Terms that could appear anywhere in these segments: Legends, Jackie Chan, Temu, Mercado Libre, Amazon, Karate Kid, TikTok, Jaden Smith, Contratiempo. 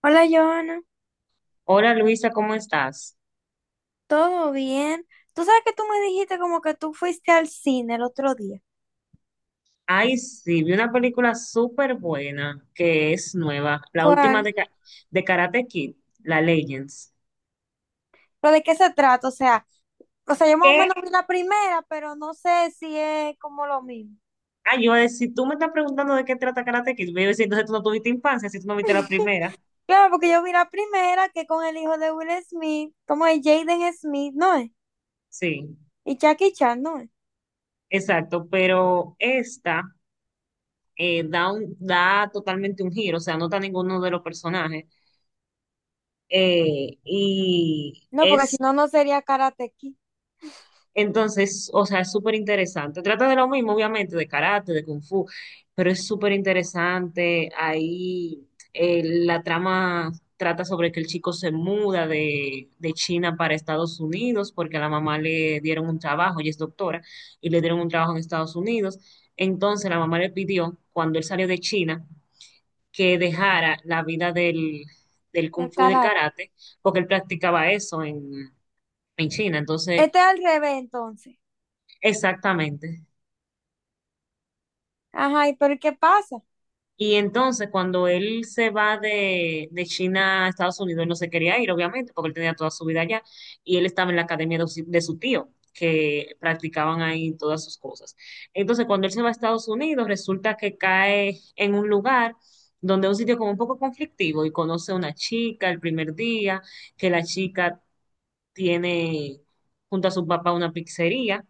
Hola, Joana, Hola, Luisa, ¿cómo estás? ¿todo bien? Tú sabes que tú me dijiste como que tú fuiste al cine el otro día. Ay, sí, vi una película súper buena que es nueva, la última ¿Cuál? de Karate Kid, la Legends. ¿Pero de qué se trata? O sea, yo más o ¿Qué? menos vi la primera, pero no sé si es como lo mismo. Ay, yo, si tú me estás preguntando de qué trata Karate Kid, yo iba a decir, entonces tú no tuviste infancia, si tú no viste la primera. Claro, porque yo vi la primera que con el hijo de Will Smith, como es Jaden Smith, ¿no es? Sí, Y Jackie Chan, ¿no es? exacto, pero esta da totalmente un giro. O sea, no está ninguno de los personajes. Y No, porque si es no, no sería Karate Kid, Entonces, o sea, es súper interesante. Trata de lo mismo, obviamente, de karate, de kung fu, pero es súper interesante. Ahí La trama trata sobre que el chico se muda de China para Estados Unidos porque a la mamá le dieron un trabajo, ella es doctora, y le dieron un trabajo en Estados Unidos. Entonces, la mamá le pidió, cuando él salió de China, que dejara la vida del, del kung del fu y del karate. karate, porque él practicaba eso en China. Entonces, Este es al revés, entonces. exactamente. Ajá, ¿y pero qué pasa? Y entonces cuando él se va de China a Estados Unidos, él no se quería ir, obviamente, porque él tenía toda su vida allá y él estaba en la academia de su tío, que practicaban ahí todas sus cosas. Entonces cuando él se va a Estados Unidos, resulta que cae en un lugar donde es un sitio como un poco conflictivo y conoce a una chica el primer día, que la chica tiene junto a su papá una pizzería.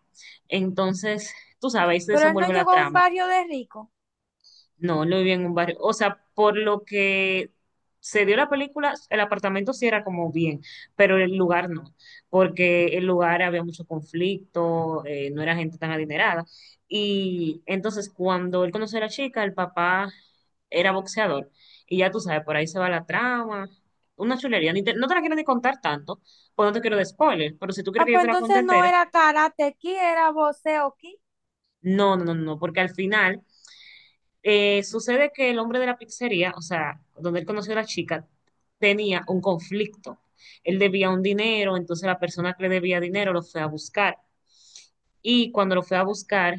Entonces, tú sabes, ahí se Pero él no desenvuelve la llegó a un trama. barrio de ricos. No, no vivía en un barrio. O sea, por lo que se dio la película, el apartamento sí era como bien, pero el lugar no, porque el lugar había mucho conflicto, no era gente tan adinerada. Y entonces cuando él conoció a la chica, el papá era boxeador. Y ya tú sabes, por ahí se va la trama. Una chulería. Ni te- No te la quiero ni contar tanto, pues no te quiero de spoiler, pero si tú quieres Ah, que yo pues te la cuente entonces no entera, era karate ki, era boxeo ki. no, no, no, no, porque al final, sucede que el hombre de la pizzería, o sea, donde él conoció a la chica, tenía un conflicto. Él debía un dinero, entonces la persona que le debía dinero lo fue a buscar. Y cuando lo fue a buscar,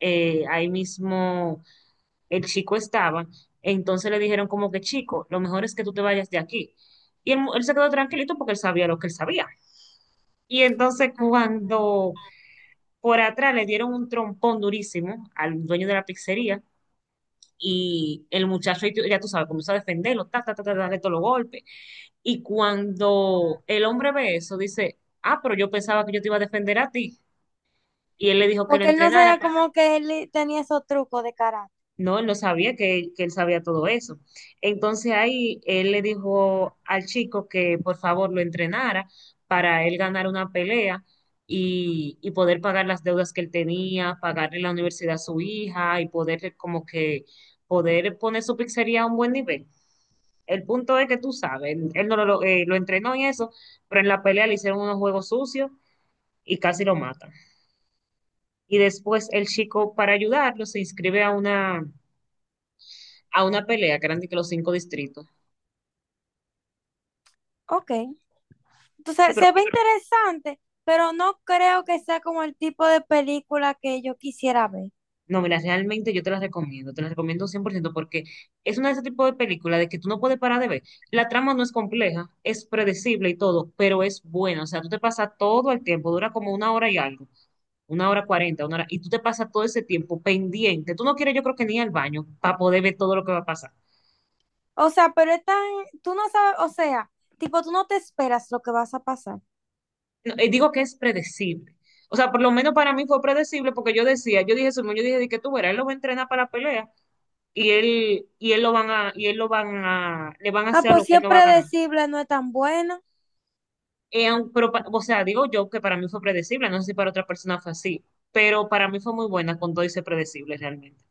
ahí mismo el chico estaba. Entonces le dijeron como que, chico, lo mejor es que tú te vayas de aquí. Y él se quedó tranquilito porque él sabía lo que él sabía. Y entonces Ajá. cuando por atrás le dieron un trompón durísimo al dueño de la pizzería, y el muchacho, ya tú sabes, comienza a defenderlo, ta, ta, ta, ta, darle todos los golpes. Y cuando el hombre ve eso, dice, ah, pero yo pensaba que yo te iba a defender a ti. Y él le dijo que lo Porque él no entrenara sabía para... como que él tenía esos trucos de karate. No, él no sabía que él sabía todo eso. Entonces ahí él le dijo al chico que por favor lo entrenara para él ganar una pelea y poder pagar las deudas que él tenía, pagarle la universidad a su hija y poder como que poder poner su pizzería a un buen nivel. El punto es que tú sabes, él no lo, lo entrenó en eso, pero en la pelea le hicieron unos juegos sucios y casi lo matan. Y después el chico, para ayudarlo, se inscribe a a una pelea que eran de que los cinco distritos. Ok. Sí, Entonces pero se ve interesante, pero no creo que sea como el tipo de película que yo quisiera ver. No, mira, realmente yo te las recomiendo 100% porque es una de ese tipo de películas de que tú no puedes parar de ver. La trama no es compleja, es predecible y todo, pero es buena. O sea, tú te pasas todo el tiempo, dura como una hora y algo, una hora cuarenta, una hora, y tú te pasas todo ese tiempo pendiente. Tú no quieres, yo creo que ni ir al baño para poder ver todo lo que va a pasar. O sea, pero es tan, tú no sabes, o sea, tipo, tú no te esperas lo que vas a pasar. No, digo que es predecible. O sea, por lo menos para mí fue predecible porque yo decía, yo dije, Simón, yo dije de que tú verás, él lo va a entrenar para la pelea y él lo van a, le van a Ah, hacer pues lo si que él es no va a ganar. predecible, no es tan buena. O sea, digo yo que para mí fue predecible, no sé si para otra persona fue así, pero para mí fue muy buena cuando hice predecible realmente,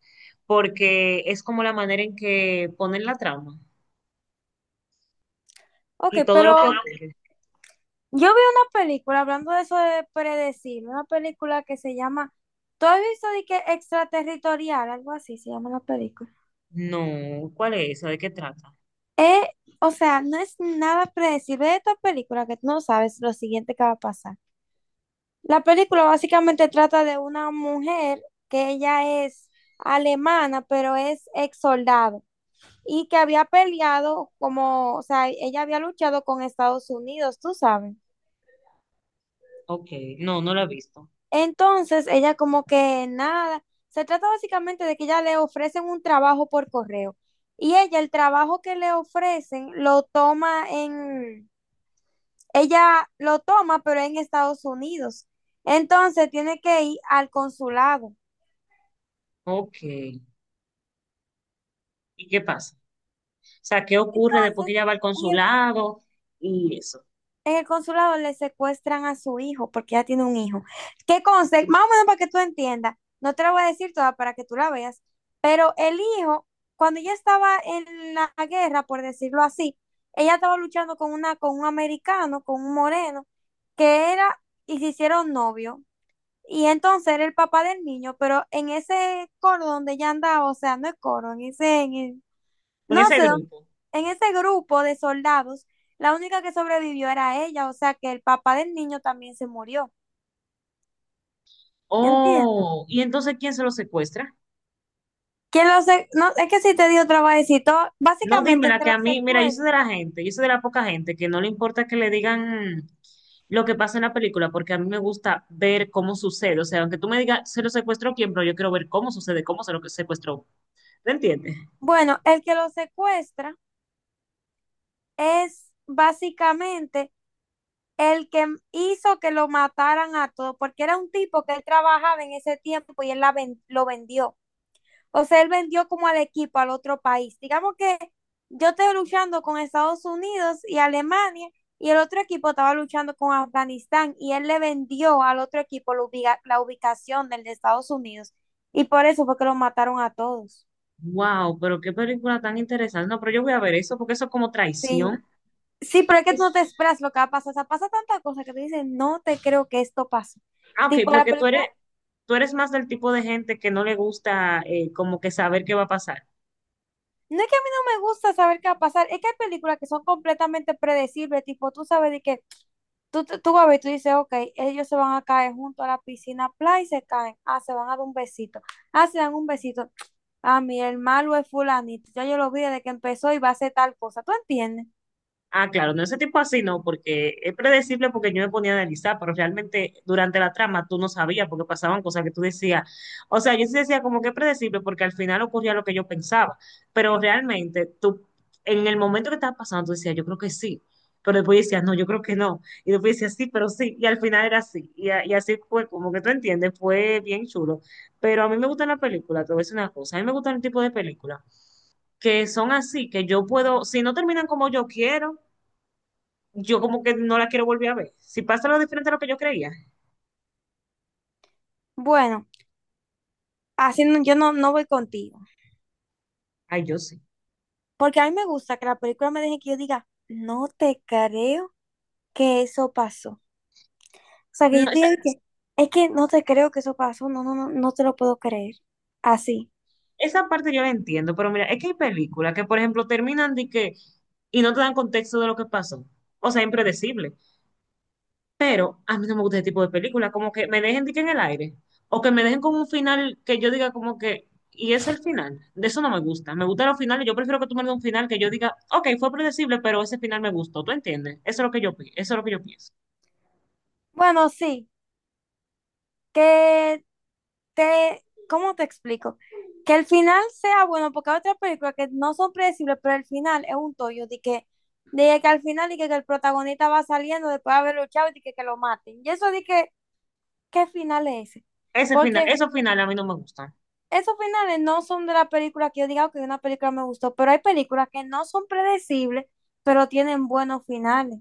porque es como la manera en que ponen la trama y Ok, todo lo pero que ocurre. yo vi una película, hablando de eso de predecir, una película que se llama, ¿tú has visto de que extraterritorial? Algo así se llama la película. No, ¿cuál es esa? ¿De qué trata? Eh, o sea, no es nada predecible de esta película que tú no sabes lo siguiente que va a pasar. La película básicamente trata de una mujer que ella es alemana, pero es ex soldado y que había peleado como, o sea, ella había luchado con Estados Unidos, tú sabes. Ok, no, no la he visto. Entonces, ella como que nada, se trata básicamente de que ella le ofrecen un trabajo por correo y ella el trabajo que le ofrecen lo toma en, ella lo toma pero en Estados Unidos. Entonces, tiene que ir al consulado. Ok, ¿y qué pasa? O sea, ¿qué ocurre después Entonces, que ella va al en consulado y eso? En el consulado le secuestran a su hijo porque ya tiene un hijo. ¿Qué conste? Más o menos para que tú entiendas. No te la voy a decir toda para que tú la veas. Pero el hijo, cuando ella estaba en la guerra, por decirlo así, ella estaba luchando con una, con un americano, con un moreno, que era, y se hicieron novio. Y entonces era el papá del niño, pero en ese coro donde ella andaba, o sea, no es coro, en ese, en el- Con no ese sé, grupo. en ese grupo de soldados, la única que sobrevivió era ella, o sea que el papá del niño también se murió. ¿Entiendes? Oh, ¿y entonces quién se lo secuestra? No, es que si te digo trabajecito, No, básicamente el dímela que que lo a mí, mira, yo soy de secuestra. la gente, yo soy de la poca gente que no le importa que le digan lo que pasa en la película, porque a mí me gusta ver cómo sucede. O sea, aunque tú me digas, se lo secuestró quién, pero yo quiero ver cómo sucede, cómo se lo secuestró. ¿Te entiendes? Bueno, el que lo secuestra es básicamente el que hizo que lo mataran a todos, porque era un tipo que él trabajaba en ese tiempo y él lo vendió. O sea, él vendió como al equipo al otro país. Digamos que yo estoy luchando con Estados Unidos y Alemania y el otro equipo estaba luchando con Afganistán y él le vendió al otro equipo la ubicación del de Estados Unidos y por eso fue que lo mataron a todos. Wow, pero qué película tan interesante. No, pero yo voy a ver eso, porque eso es como Sí, traición. sí, pero es que tú Es, no te esperas lo que va a pasar. O sea, pasa tanta cosa que te dicen, no te creo que esto pase. Ok, Tipo, la porque tú eres, película, tú eres más del tipo de gente que no le gusta como que saber qué va a pasar. no es que a mí no me gusta saber qué va a pasar, es que hay películas que son completamente predecibles, tipo, tú sabes de que Tú vas a ver, tú dices, ok, ellos se van a caer junto a la piscina, play y se caen. Ah, se van a dar un besito. Ah, se dan un besito. Ah, mi hermano es fulanito. Ya yo lo vi desde que empezó y va a hacer tal cosa. ¿Tú entiendes? Ah, claro, no ese tipo así no, porque es predecible porque yo me ponía a analizar, pero realmente durante la trama tú no sabías porque pasaban cosas que tú decías. O sea, yo sí decía como que es predecible porque al final ocurría lo que yo pensaba, pero realmente tú, en el momento que estaba pasando, tú decías, yo creo que sí, pero después decías, no, yo creo que no, y después decías, sí, pero sí, y al final era así, y así fue, como que tú entiendes, fue bien chulo. Pero a mí me gustan las películas, te voy a decir una cosa, a mí me gustan el tipo de películas que son así, que yo puedo, si no terminan como yo quiero, yo como que no la quiero volver a ver. Si pasa lo diferente a lo que yo creía, Bueno, así no- yo no voy contigo. ay, yo sí. Porque a mí me gusta que la película me deje que yo diga, no te creo que eso pasó. O sea, que yo No, te esa, diga que, es que no te creo que eso pasó. No, no, no, no te lo puedo creer. Así. esa parte yo la entiendo, pero mira, es que hay películas que, por ejemplo, terminan de que y no te dan contexto de lo que pasó. O sea, impredecible. Pero a mí no me gusta ese tipo de películas, como que me dejen de que en el aire. O que me dejen con un final que yo diga como que, y es el final. De eso no me gusta. Me gustan los finales. Yo prefiero que tú me des un final que yo diga, ok, fue predecible, pero ese final me gustó. ¿Tú entiendes? Eso es lo que yo, eso es lo que yo pienso. Bueno, sí. Que te, ¿cómo te explico? Que el final sea bueno, porque hay otras películas que no son predecibles, pero el final es un tollo de que al final de que el protagonista va saliendo después de haber luchado y de que lo maten. Y eso de que, ¿qué final es ese? Ese final, Porque esos finales a mí no me gustan. esos finales no son de la película que yo diga que una película me gustó, pero hay películas que no son predecibles, pero tienen buenos finales.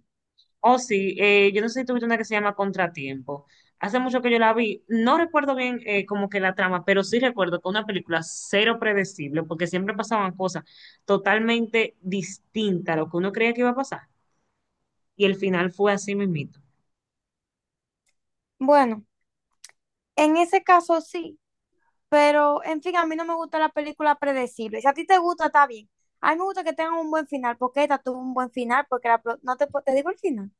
Oh, sí, yo no sé si tuviste una que se llama Contratiempo. Hace mucho que yo la vi. No recuerdo bien como que la trama, pero sí recuerdo que una película cero predecible, porque siempre pasaban cosas totalmente distintas a lo que uno creía que iba a pasar. Y el final fue así mismito. Bueno, en ese caso sí. Pero, en fin, a mí no me gusta la película predecible. Si a ti te gusta, está bien. A mí me gusta que tengan un buen final, porque esta tuvo un buen final, porque la, pro- no te, po- te digo el final.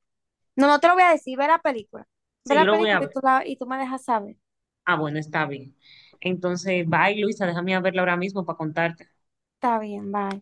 No, no te lo voy a decir, ve la película. Ve Sí, yo la lo voy a película y tú, ver. la, y tú me dejas saber. Ah, bueno, está bien. Entonces, bye, Luisa, déjame a verla ahora mismo para contarte. Está bien, bye.